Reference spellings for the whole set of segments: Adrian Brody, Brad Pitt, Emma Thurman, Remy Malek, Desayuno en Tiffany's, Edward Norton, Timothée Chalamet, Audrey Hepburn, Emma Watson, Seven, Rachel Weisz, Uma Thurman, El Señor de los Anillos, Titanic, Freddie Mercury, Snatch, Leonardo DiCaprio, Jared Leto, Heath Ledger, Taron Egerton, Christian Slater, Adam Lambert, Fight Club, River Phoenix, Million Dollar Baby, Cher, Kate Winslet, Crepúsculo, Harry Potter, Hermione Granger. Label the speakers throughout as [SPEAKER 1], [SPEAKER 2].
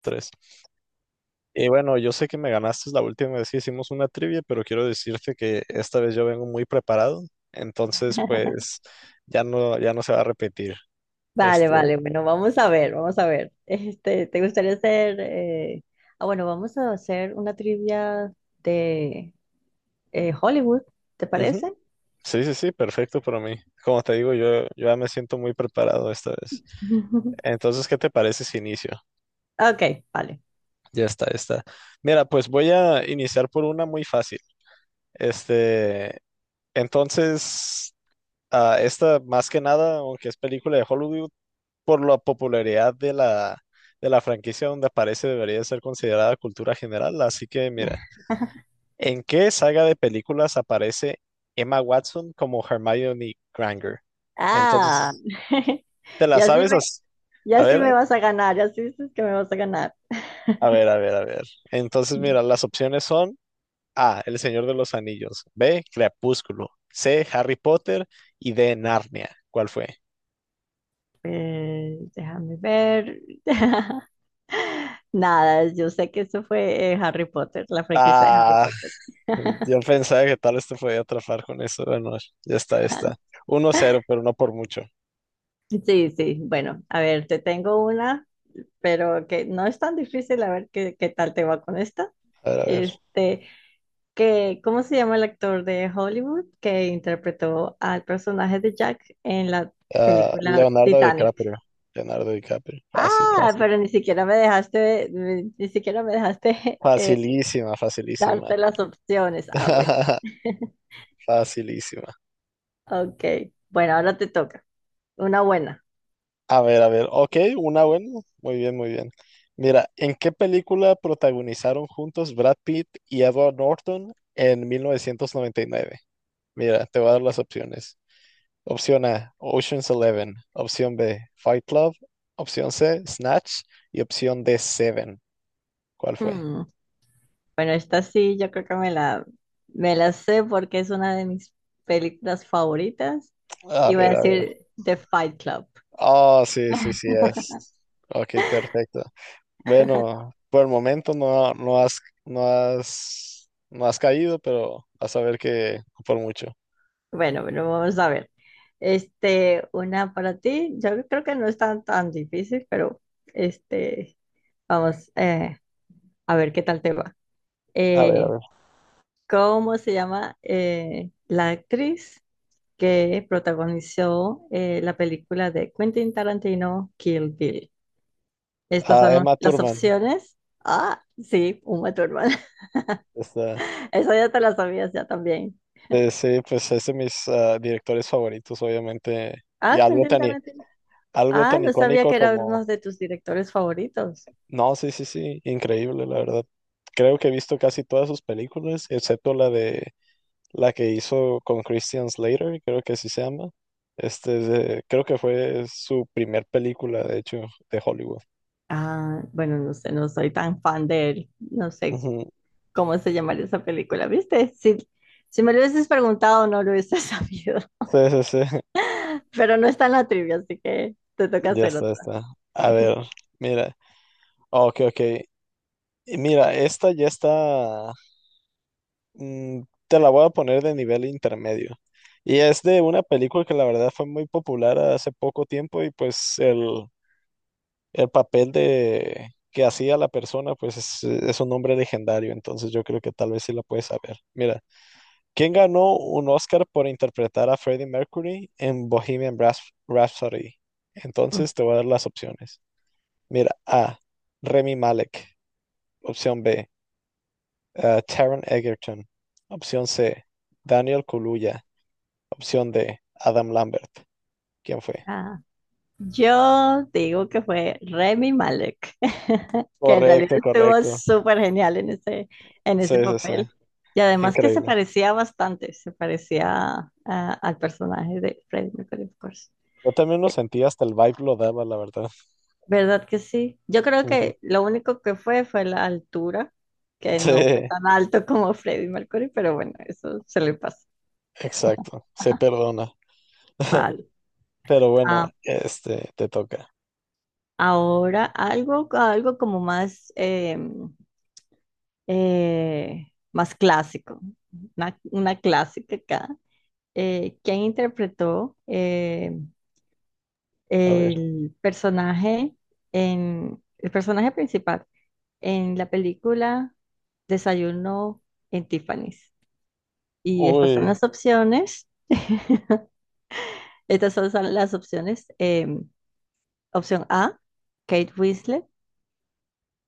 [SPEAKER 1] Tres. Y bueno, yo sé que me ganaste la última vez que hicimos una trivia, pero quiero decirte que esta vez yo vengo muy preparado, entonces pues ya no, ya no se va a repetir.
[SPEAKER 2] Vale,
[SPEAKER 1] Este,
[SPEAKER 2] vale, bueno, vamos a ver, vamos a ver. ¿Te gustaría hacer? Ah, bueno, vamos a hacer una trivia de Hollywood, ¿te
[SPEAKER 1] Ujú.
[SPEAKER 2] parece?
[SPEAKER 1] Sí, sí, sí, perfecto para mí. Como te digo, yo ya me siento muy preparado esta vez. Entonces, ¿qué te parece si inicio?
[SPEAKER 2] Ok, vale.
[SPEAKER 1] Ya está, ya está. Mira, pues voy a iniciar por una muy fácil. Este, entonces, esta más que nada, aunque es película de Hollywood, por la popularidad de la franquicia donde aparece, debería ser considerada cultura general. Así que mira, ¿en qué saga de películas aparece Emma Watson como Hermione Granger?
[SPEAKER 2] Ah,
[SPEAKER 1] Entonces, ¿te la
[SPEAKER 2] ya sí
[SPEAKER 1] sabes?
[SPEAKER 2] me,
[SPEAKER 1] A
[SPEAKER 2] ya sí
[SPEAKER 1] ver,
[SPEAKER 2] me vas a ganar, ya sí dices que me vas a ganar.
[SPEAKER 1] a ver, a ver, a ver. Entonces, mira, las opciones son A, El Señor de los Anillos, B, Crepúsculo, C, Harry Potter y D, Narnia. ¿Cuál fue?
[SPEAKER 2] Déjame ver. Nada, yo sé que eso fue Harry Potter, la franquicia de Harry
[SPEAKER 1] Ah,
[SPEAKER 2] Potter.
[SPEAKER 1] yo pensaba que tal vez te podía atrapar con eso. Bueno, ya está, ya está. 1-0, pero no por mucho.
[SPEAKER 2] Sí, sí, bueno, a ver, te tengo una, pero que no es tan difícil, a ver qué tal te va con esta.
[SPEAKER 1] A ver, a ver.
[SPEAKER 2] Este, que, ¿cómo se llama el actor de Hollywood que interpretó al personaje de Jack en la
[SPEAKER 1] Ah,
[SPEAKER 2] película
[SPEAKER 1] Leonardo
[SPEAKER 2] Titanic?
[SPEAKER 1] DiCaprio. Leonardo DiCaprio. Fácil,
[SPEAKER 2] Ah,
[SPEAKER 1] fácil.
[SPEAKER 2] pero ni siquiera me dejaste, ni siquiera me dejaste
[SPEAKER 1] Facilísima, facilísima.
[SPEAKER 2] darte las opciones. Ah, bueno,
[SPEAKER 1] Facilísima.
[SPEAKER 2] ok. Bueno, ahora te toca. Una buena.
[SPEAKER 1] A ver, a ver. Ok, una buena. Muy bien, muy bien. Mira, ¿en qué película protagonizaron juntos Brad Pitt y Edward Norton en 1999? Mira, te voy a dar las opciones. Opción A, Ocean's Eleven. Opción B, Fight Club. Opción C, Snatch. Y opción D, Seven. ¿Cuál fue?
[SPEAKER 2] Hmm, bueno, esta sí, yo creo que me la sé porque es una de mis películas favoritas.
[SPEAKER 1] A
[SPEAKER 2] Iba a
[SPEAKER 1] ver, a ver.
[SPEAKER 2] decir The Fight Club.
[SPEAKER 1] Ah, sí, sí, sí es. Ok, perfecto. Bueno, por el momento no, no has caído, pero vas a ver que no por mucho.
[SPEAKER 2] Bueno, bueno, vamos a ver. Este, una para ti. Yo creo que no es tan difícil, pero este, vamos a ver qué tal te va.
[SPEAKER 1] A ver, a
[SPEAKER 2] Eh,
[SPEAKER 1] ver.
[SPEAKER 2] ¿Cómo se llama la actriz que protagonizó la película de Quentin Tarantino, Kill Bill? Estas
[SPEAKER 1] Ah,
[SPEAKER 2] son
[SPEAKER 1] Emma
[SPEAKER 2] las
[SPEAKER 1] Thurman.
[SPEAKER 2] opciones. Ah, sí, Uma Thurman.
[SPEAKER 1] Esta,
[SPEAKER 2] Eso ya te la sabías ya también.
[SPEAKER 1] sí, pues es de mis directores favoritos, obviamente. Y
[SPEAKER 2] Ah, Quentin Tarantino.
[SPEAKER 1] algo
[SPEAKER 2] Ah,
[SPEAKER 1] tan
[SPEAKER 2] no sabía
[SPEAKER 1] icónico
[SPEAKER 2] que era
[SPEAKER 1] como.
[SPEAKER 2] uno de tus directores favoritos.
[SPEAKER 1] No, sí, sí, sí, increíble, la verdad. Creo que he visto casi todas sus películas, excepto la de la que hizo con Christian Slater, creo que así se llama. Creo que fue su primer película, de hecho, de Hollywood.
[SPEAKER 2] Ah, bueno, no sé, no soy tan fan de él. No sé
[SPEAKER 1] Ujú.
[SPEAKER 2] cómo se llamaría esa película, ¿viste? Si, si me lo hubieses preguntado, no lo hubiese sabido.
[SPEAKER 1] Sí, sí, sí.
[SPEAKER 2] Pero no está en la trivia, así que te toca
[SPEAKER 1] Ya
[SPEAKER 2] hacer
[SPEAKER 1] está, ya
[SPEAKER 2] otra.
[SPEAKER 1] está. A ver, mira. Oh, ok, ok. Y mira, esta ya está. mm, te la voy a poner de nivel intermedio. Y es de una película que la verdad fue muy popular hace poco tiempo y pues el papel de que hacía la persona, pues es un hombre legendario, entonces yo creo que tal vez sí la puedes saber. Mira, ¿quién ganó un Oscar por interpretar a Freddie Mercury en Bohemian Rhapsody?
[SPEAKER 2] Mm.
[SPEAKER 1] Entonces te voy a dar las opciones. Mira, A, Remy Malek, opción B, Taron Egerton, opción C, Daniel Kaluuya, opción D, Adam Lambert. ¿Quién fue?
[SPEAKER 2] Ah, yo digo que fue Remy Malek, que en realidad
[SPEAKER 1] Correcto,
[SPEAKER 2] estuvo
[SPEAKER 1] correcto.
[SPEAKER 2] súper genial en
[SPEAKER 1] Sí,
[SPEAKER 2] ese
[SPEAKER 1] sí, sí.
[SPEAKER 2] papel. Y además que se
[SPEAKER 1] Increíble.
[SPEAKER 2] parecía bastante, se parecía al personaje de Freddie Mercury, of course.
[SPEAKER 1] Yo también lo sentí, hasta el vibe lo daba, la verdad.
[SPEAKER 2] ¿Verdad que sí? Yo creo
[SPEAKER 1] Ujú.
[SPEAKER 2] que lo único que fue fue la altura, que
[SPEAKER 1] Sí,
[SPEAKER 2] no fue tan alto como Freddie Mercury, pero bueno, eso se le pasa.
[SPEAKER 1] exacto, se
[SPEAKER 2] Ajá.
[SPEAKER 1] perdona.
[SPEAKER 2] Vale.
[SPEAKER 1] Pero bueno,
[SPEAKER 2] Ah,
[SPEAKER 1] te toca.
[SPEAKER 2] ahora algo, algo como más, eh, más clásico, una clásica acá. ¿Quién interpretó
[SPEAKER 1] A ver.
[SPEAKER 2] el personaje en el personaje principal en la película Desayuno en Tiffany's? Y estas son
[SPEAKER 1] Uy,
[SPEAKER 2] las opciones. Estas son las opciones. Opción A, Kate Winslet.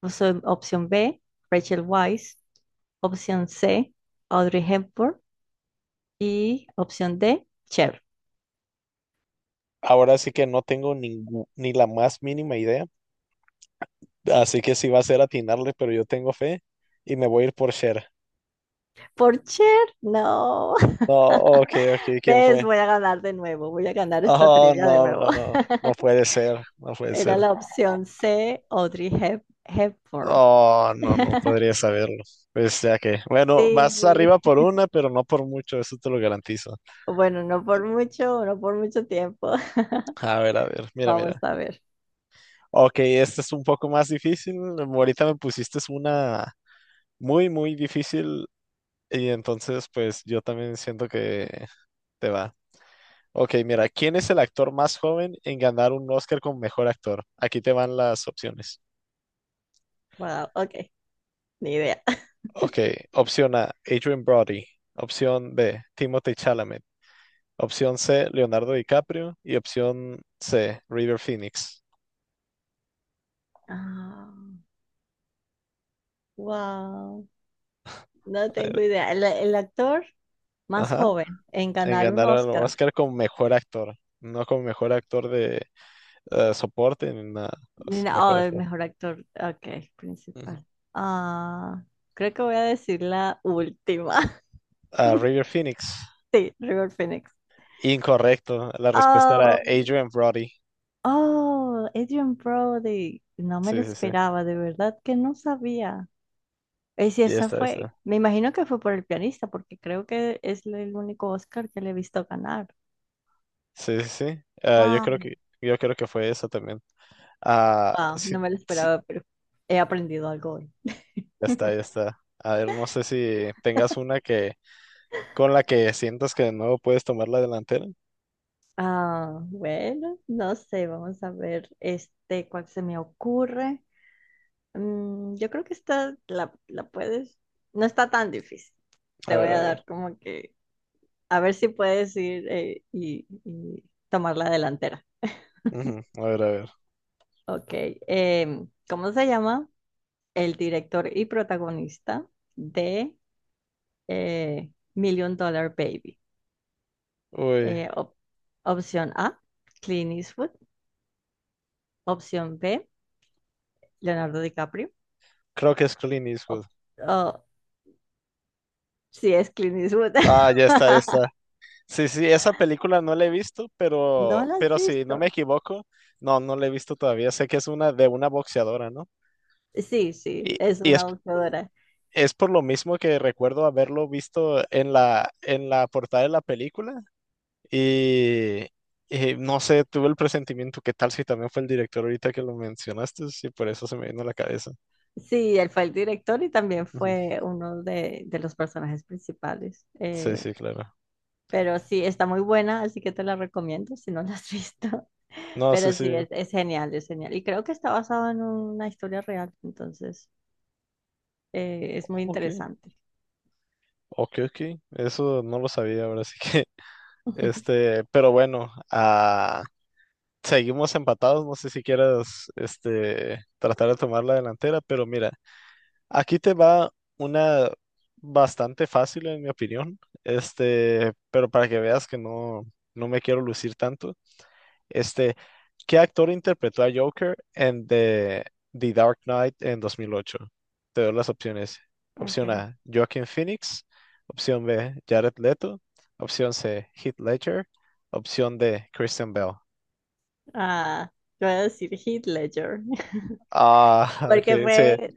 [SPEAKER 2] Opción B, Rachel Weisz. Opción C, Audrey Hepburn. Y opción D, Cher.
[SPEAKER 1] ahora sí que no tengo ni la más mínima idea, así que sí va a ser atinarle, pero yo tengo fe y me voy a ir por Cher.
[SPEAKER 2] Por Cher, no.
[SPEAKER 1] No, ok, ok, ¿quién
[SPEAKER 2] ¿Ves?
[SPEAKER 1] fue?
[SPEAKER 2] Voy a ganar de nuevo. Voy a ganar esta
[SPEAKER 1] Oh,
[SPEAKER 2] trivia de
[SPEAKER 1] no,
[SPEAKER 2] nuevo.
[SPEAKER 1] no, no, no puede ser, no puede
[SPEAKER 2] Era
[SPEAKER 1] ser.
[SPEAKER 2] la opción C, Hepburn.
[SPEAKER 1] Oh, no, no podría saberlo. Pues ya que, bueno,
[SPEAKER 2] Sí.
[SPEAKER 1] vas arriba por una, pero no por mucho, eso te lo garantizo.
[SPEAKER 2] Bueno, no por mucho, no por mucho tiempo.
[SPEAKER 1] A ver, mira,
[SPEAKER 2] Vamos
[SPEAKER 1] mira.
[SPEAKER 2] a ver.
[SPEAKER 1] Ok, esta es un poco más difícil. Ahorita me pusiste una muy, muy difícil y entonces pues yo también siento que te va. Ok, mira, ¿quién es el actor más joven en ganar un Oscar como mejor actor? Aquí te van las opciones.
[SPEAKER 2] Wow, ok, ni idea.
[SPEAKER 1] Ok, opción A, Adrian Brody. Opción B, Timothée Chalamet. Opción C, Leonardo DiCaprio. Y opción C, River Phoenix.
[SPEAKER 2] Ah, wow, no tengo
[SPEAKER 1] Eh,
[SPEAKER 2] idea. El actor más
[SPEAKER 1] Ajá,
[SPEAKER 2] joven en
[SPEAKER 1] en
[SPEAKER 2] ganar un
[SPEAKER 1] ganar el
[SPEAKER 2] Oscar.
[SPEAKER 1] Oscar como mejor actor, no como mejor actor de soporte en una
[SPEAKER 2] Ni na- Oh,
[SPEAKER 1] mejor
[SPEAKER 2] el
[SPEAKER 1] actor.
[SPEAKER 2] mejor actor, ok,
[SPEAKER 1] Ujú.
[SPEAKER 2] principal. Ah, creo que voy a decir la última.
[SPEAKER 1] Ah, River Phoenix.
[SPEAKER 2] Sí, River Phoenix.
[SPEAKER 1] Incorrecto. La respuesta era
[SPEAKER 2] Oh,
[SPEAKER 1] Adrian Brody.
[SPEAKER 2] oh, Adrian Brody. No me lo
[SPEAKER 1] Sí, sí, sí.
[SPEAKER 2] esperaba, de verdad que no sabía. Y si
[SPEAKER 1] Ya
[SPEAKER 2] esa
[SPEAKER 1] está, ya
[SPEAKER 2] fue,
[SPEAKER 1] está.
[SPEAKER 2] me imagino que fue por el pianista, porque creo que es el único Oscar que le he visto ganar.
[SPEAKER 1] Sí, sí, sí. Ah, yo
[SPEAKER 2] Wow,
[SPEAKER 1] creo que, yo creo que fue eso también. Ah,
[SPEAKER 2] wow, no
[SPEAKER 1] sí,
[SPEAKER 2] me lo
[SPEAKER 1] sí,
[SPEAKER 2] esperaba, pero he aprendido algo hoy.
[SPEAKER 1] ya está, ya está. A ver, no sé si tengas una que con la que sientas que de nuevo puedes tomar la delantera.
[SPEAKER 2] Ah, bueno, no sé, vamos a ver este cuál se me ocurre. Mm, yo creo que esta la puedes, no está tan difícil.
[SPEAKER 1] A
[SPEAKER 2] Te voy
[SPEAKER 1] ver, a
[SPEAKER 2] a
[SPEAKER 1] ver.
[SPEAKER 2] dar como que a ver si puedes ir y tomar la delantera.
[SPEAKER 1] Ujú, a ver, a ver.
[SPEAKER 2] Ok, ¿cómo se llama el director y protagonista de eh, Million Dollar Baby?
[SPEAKER 1] Uy,
[SPEAKER 2] Eh, op- Opción A, Clint Eastwood. Opción B, Leonardo DiCaprio.
[SPEAKER 1] creo que es Clint Eastwood.
[SPEAKER 2] Op- oh, sí, es Clint Eastwood.
[SPEAKER 1] Ah, ya está, ya está. Sí, sí, esa película no la he visto,
[SPEAKER 2] ¿No
[SPEAKER 1] pero,
[SPEAKER 2] la has
[SPEAKER 1] pero si no me
[SPEAKER 2] visto?
[SPEAKER 1] equivoco, no, no la he visto todavía. Sé que es una de una boxeadora, ¿no?
[SPEAKER 2] Sí, sí,
[SPEAKER 1] Y,
[SPEAKER 2] es
[SPEAKER 1] y es,
[SPEAKER 2] una boxeadora.
[SPEAKER 1] es por lo mismo que recuerdo haberlo visto en la, portada de la película. Y, y no sé, tuve el presentimiento, ¿qué tal si también fue el director ahorita que lo mencionaste? Sí, por eso se me vino a la cabeza.
[SPEAKER 2] Sí, él fue el director y también
[SPEAKER 1] Ujú.
[SPEAKER 2] fue uno de los personajes principales.
[SPEAKER 1] Sí, sí, claro.
[SPEAKER 2] Pero sí, está muy buena, así que te la recomiendo si no la has visto.
[SPEAKER 1] No, sí,
[SPEAKER 2] Pero
[SPEAKER 1] sí.
[SPEAKER 2] sí, es genial, es genial. Y creo que está basado en una historia real, entonces es muy
[SPEAKER 1] Ok,
[SPEAKER 2] interesante.
[SPEAKER 1] ok, ok. Eso no lo sabía ahora, sí que. Pero bueno, seguimos empatados, no sé si quieras tratar de tomar la delantera, pero mira, aquí te va una bastante fácil en mi opinión, pero para que veas que no, no me quiero lucir tanto, este, ¿qué actor interpretó a Joker en The Dark Knight en 2008? Te doy las opciones. Opción
[SPEAKER 2] Ok.
[SPEAKER 1] A, Joaquin Phoenix, opción B, Jared Leto, opción C, Heath Ledger, opción D, Christian Bale.
[SPEAKER 2] Ah, yo voy a decir Heath Ledger,
[SPEAKER 1] Ah, ok,
[SPEAKER 2] porque
[SPEAKER 1] sí,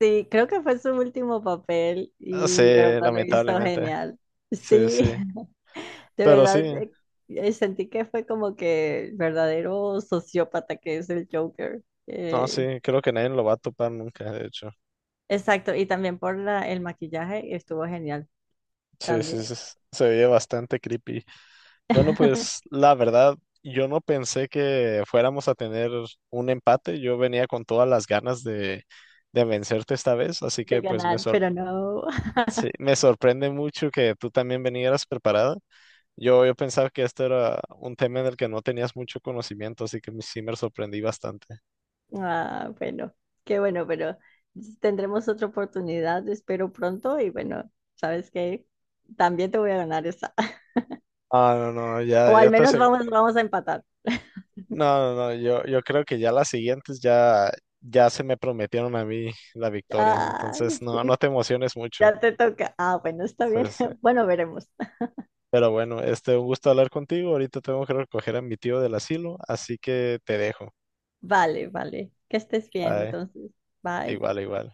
[SPEAKER 2] sí, creo que fue su último papel
[SPEAKER 1] sí,
[SPEAKER 2] y de verdad lo hizo
[SPEAKER 1] lamentablemente.
[SPEAKER 2] genial.
[SPEAKER 1] Sí,
[SPEAKER 2] Sí,
[SPEAKER 1] sí.
[SPEAKER 2] de
[SPEAKER 1] Pero sí,
[SPEAKER 2] verdad sentí que fue como que el verdadero sociópata que es el Joker.
[SPEAKER 1] no, sí,
[SPEAKER 2] Eh,
[SPEAKER 1] creo que nadie lo va a topar nunca, de hecho.
[SPEAKER 2] exacto, y también por el maquillaje estuvo genial
[SPEAKER 1] Sí, sí, sí,
[SPEAKER 2] también.
[SPEAKER 1] se veía bastante creepy. Bueno, pues la verdad, yo no pensé que fuéramos a tener un empate. Yo venía con todas las ganas de vencerte esta vez, así
[SPEAKER 2] De
[SPEAKER 1] que pues
[SPEAKER 2] ganar, pero no.
[SPEAKER 1] sí, me sorprende mucho que tú también vinieras preparada. Yo pensaba que este era un tema en el que no tenías mucho conocimiento, así que sí me sorprendí bastante.
[SPEAKER 2] Ah, bueno, qué bueno, pero tendremos otra oportunidad, espero pronto y bueno, ¿sabes qué? También te voy a ganar esa,
[SPEAKER 1] Ah, no, no, ya,
[SPEAKER 2] o
[SPEAKER 1] ya
[SPEAKER 2] al
[SPEAKER 1] te
[SPEAKER 2] menos
[SPEAKER 1] asegu-
[SPEAKER 2] vamos, vamos a empatar.
[SPEAKER 1] No, no, no, yo creo que ya las siguientes ya se me prometieron a mí la victoria,
[SPEAKER 2] Ah,
[SPEAKER 1] entonces
[SPEAKER 2] sí,
[SPEAKER 1] no, no te
[SPEAKER 2] sí,
[SPEAKER 1] emociones mucho.
[SPEAKER 2] ya te toca. Ah, bueno, está bien.
[SPEAKER 1] Entonces,
[SPEAKER 2] Bueno, veremos.
[SPEAKER 1] pero bueno, un gusto hablar contigo. Ahorita tengo que recoger a mi tío del asilo, así que te dejo.
[SPEAKER 2] Vale, vale. Que estés bien,
[SPEAKER 1] Ay,
[SPEAKER 2] entonces. Bye.
[SPEAKER 1] igual, igual.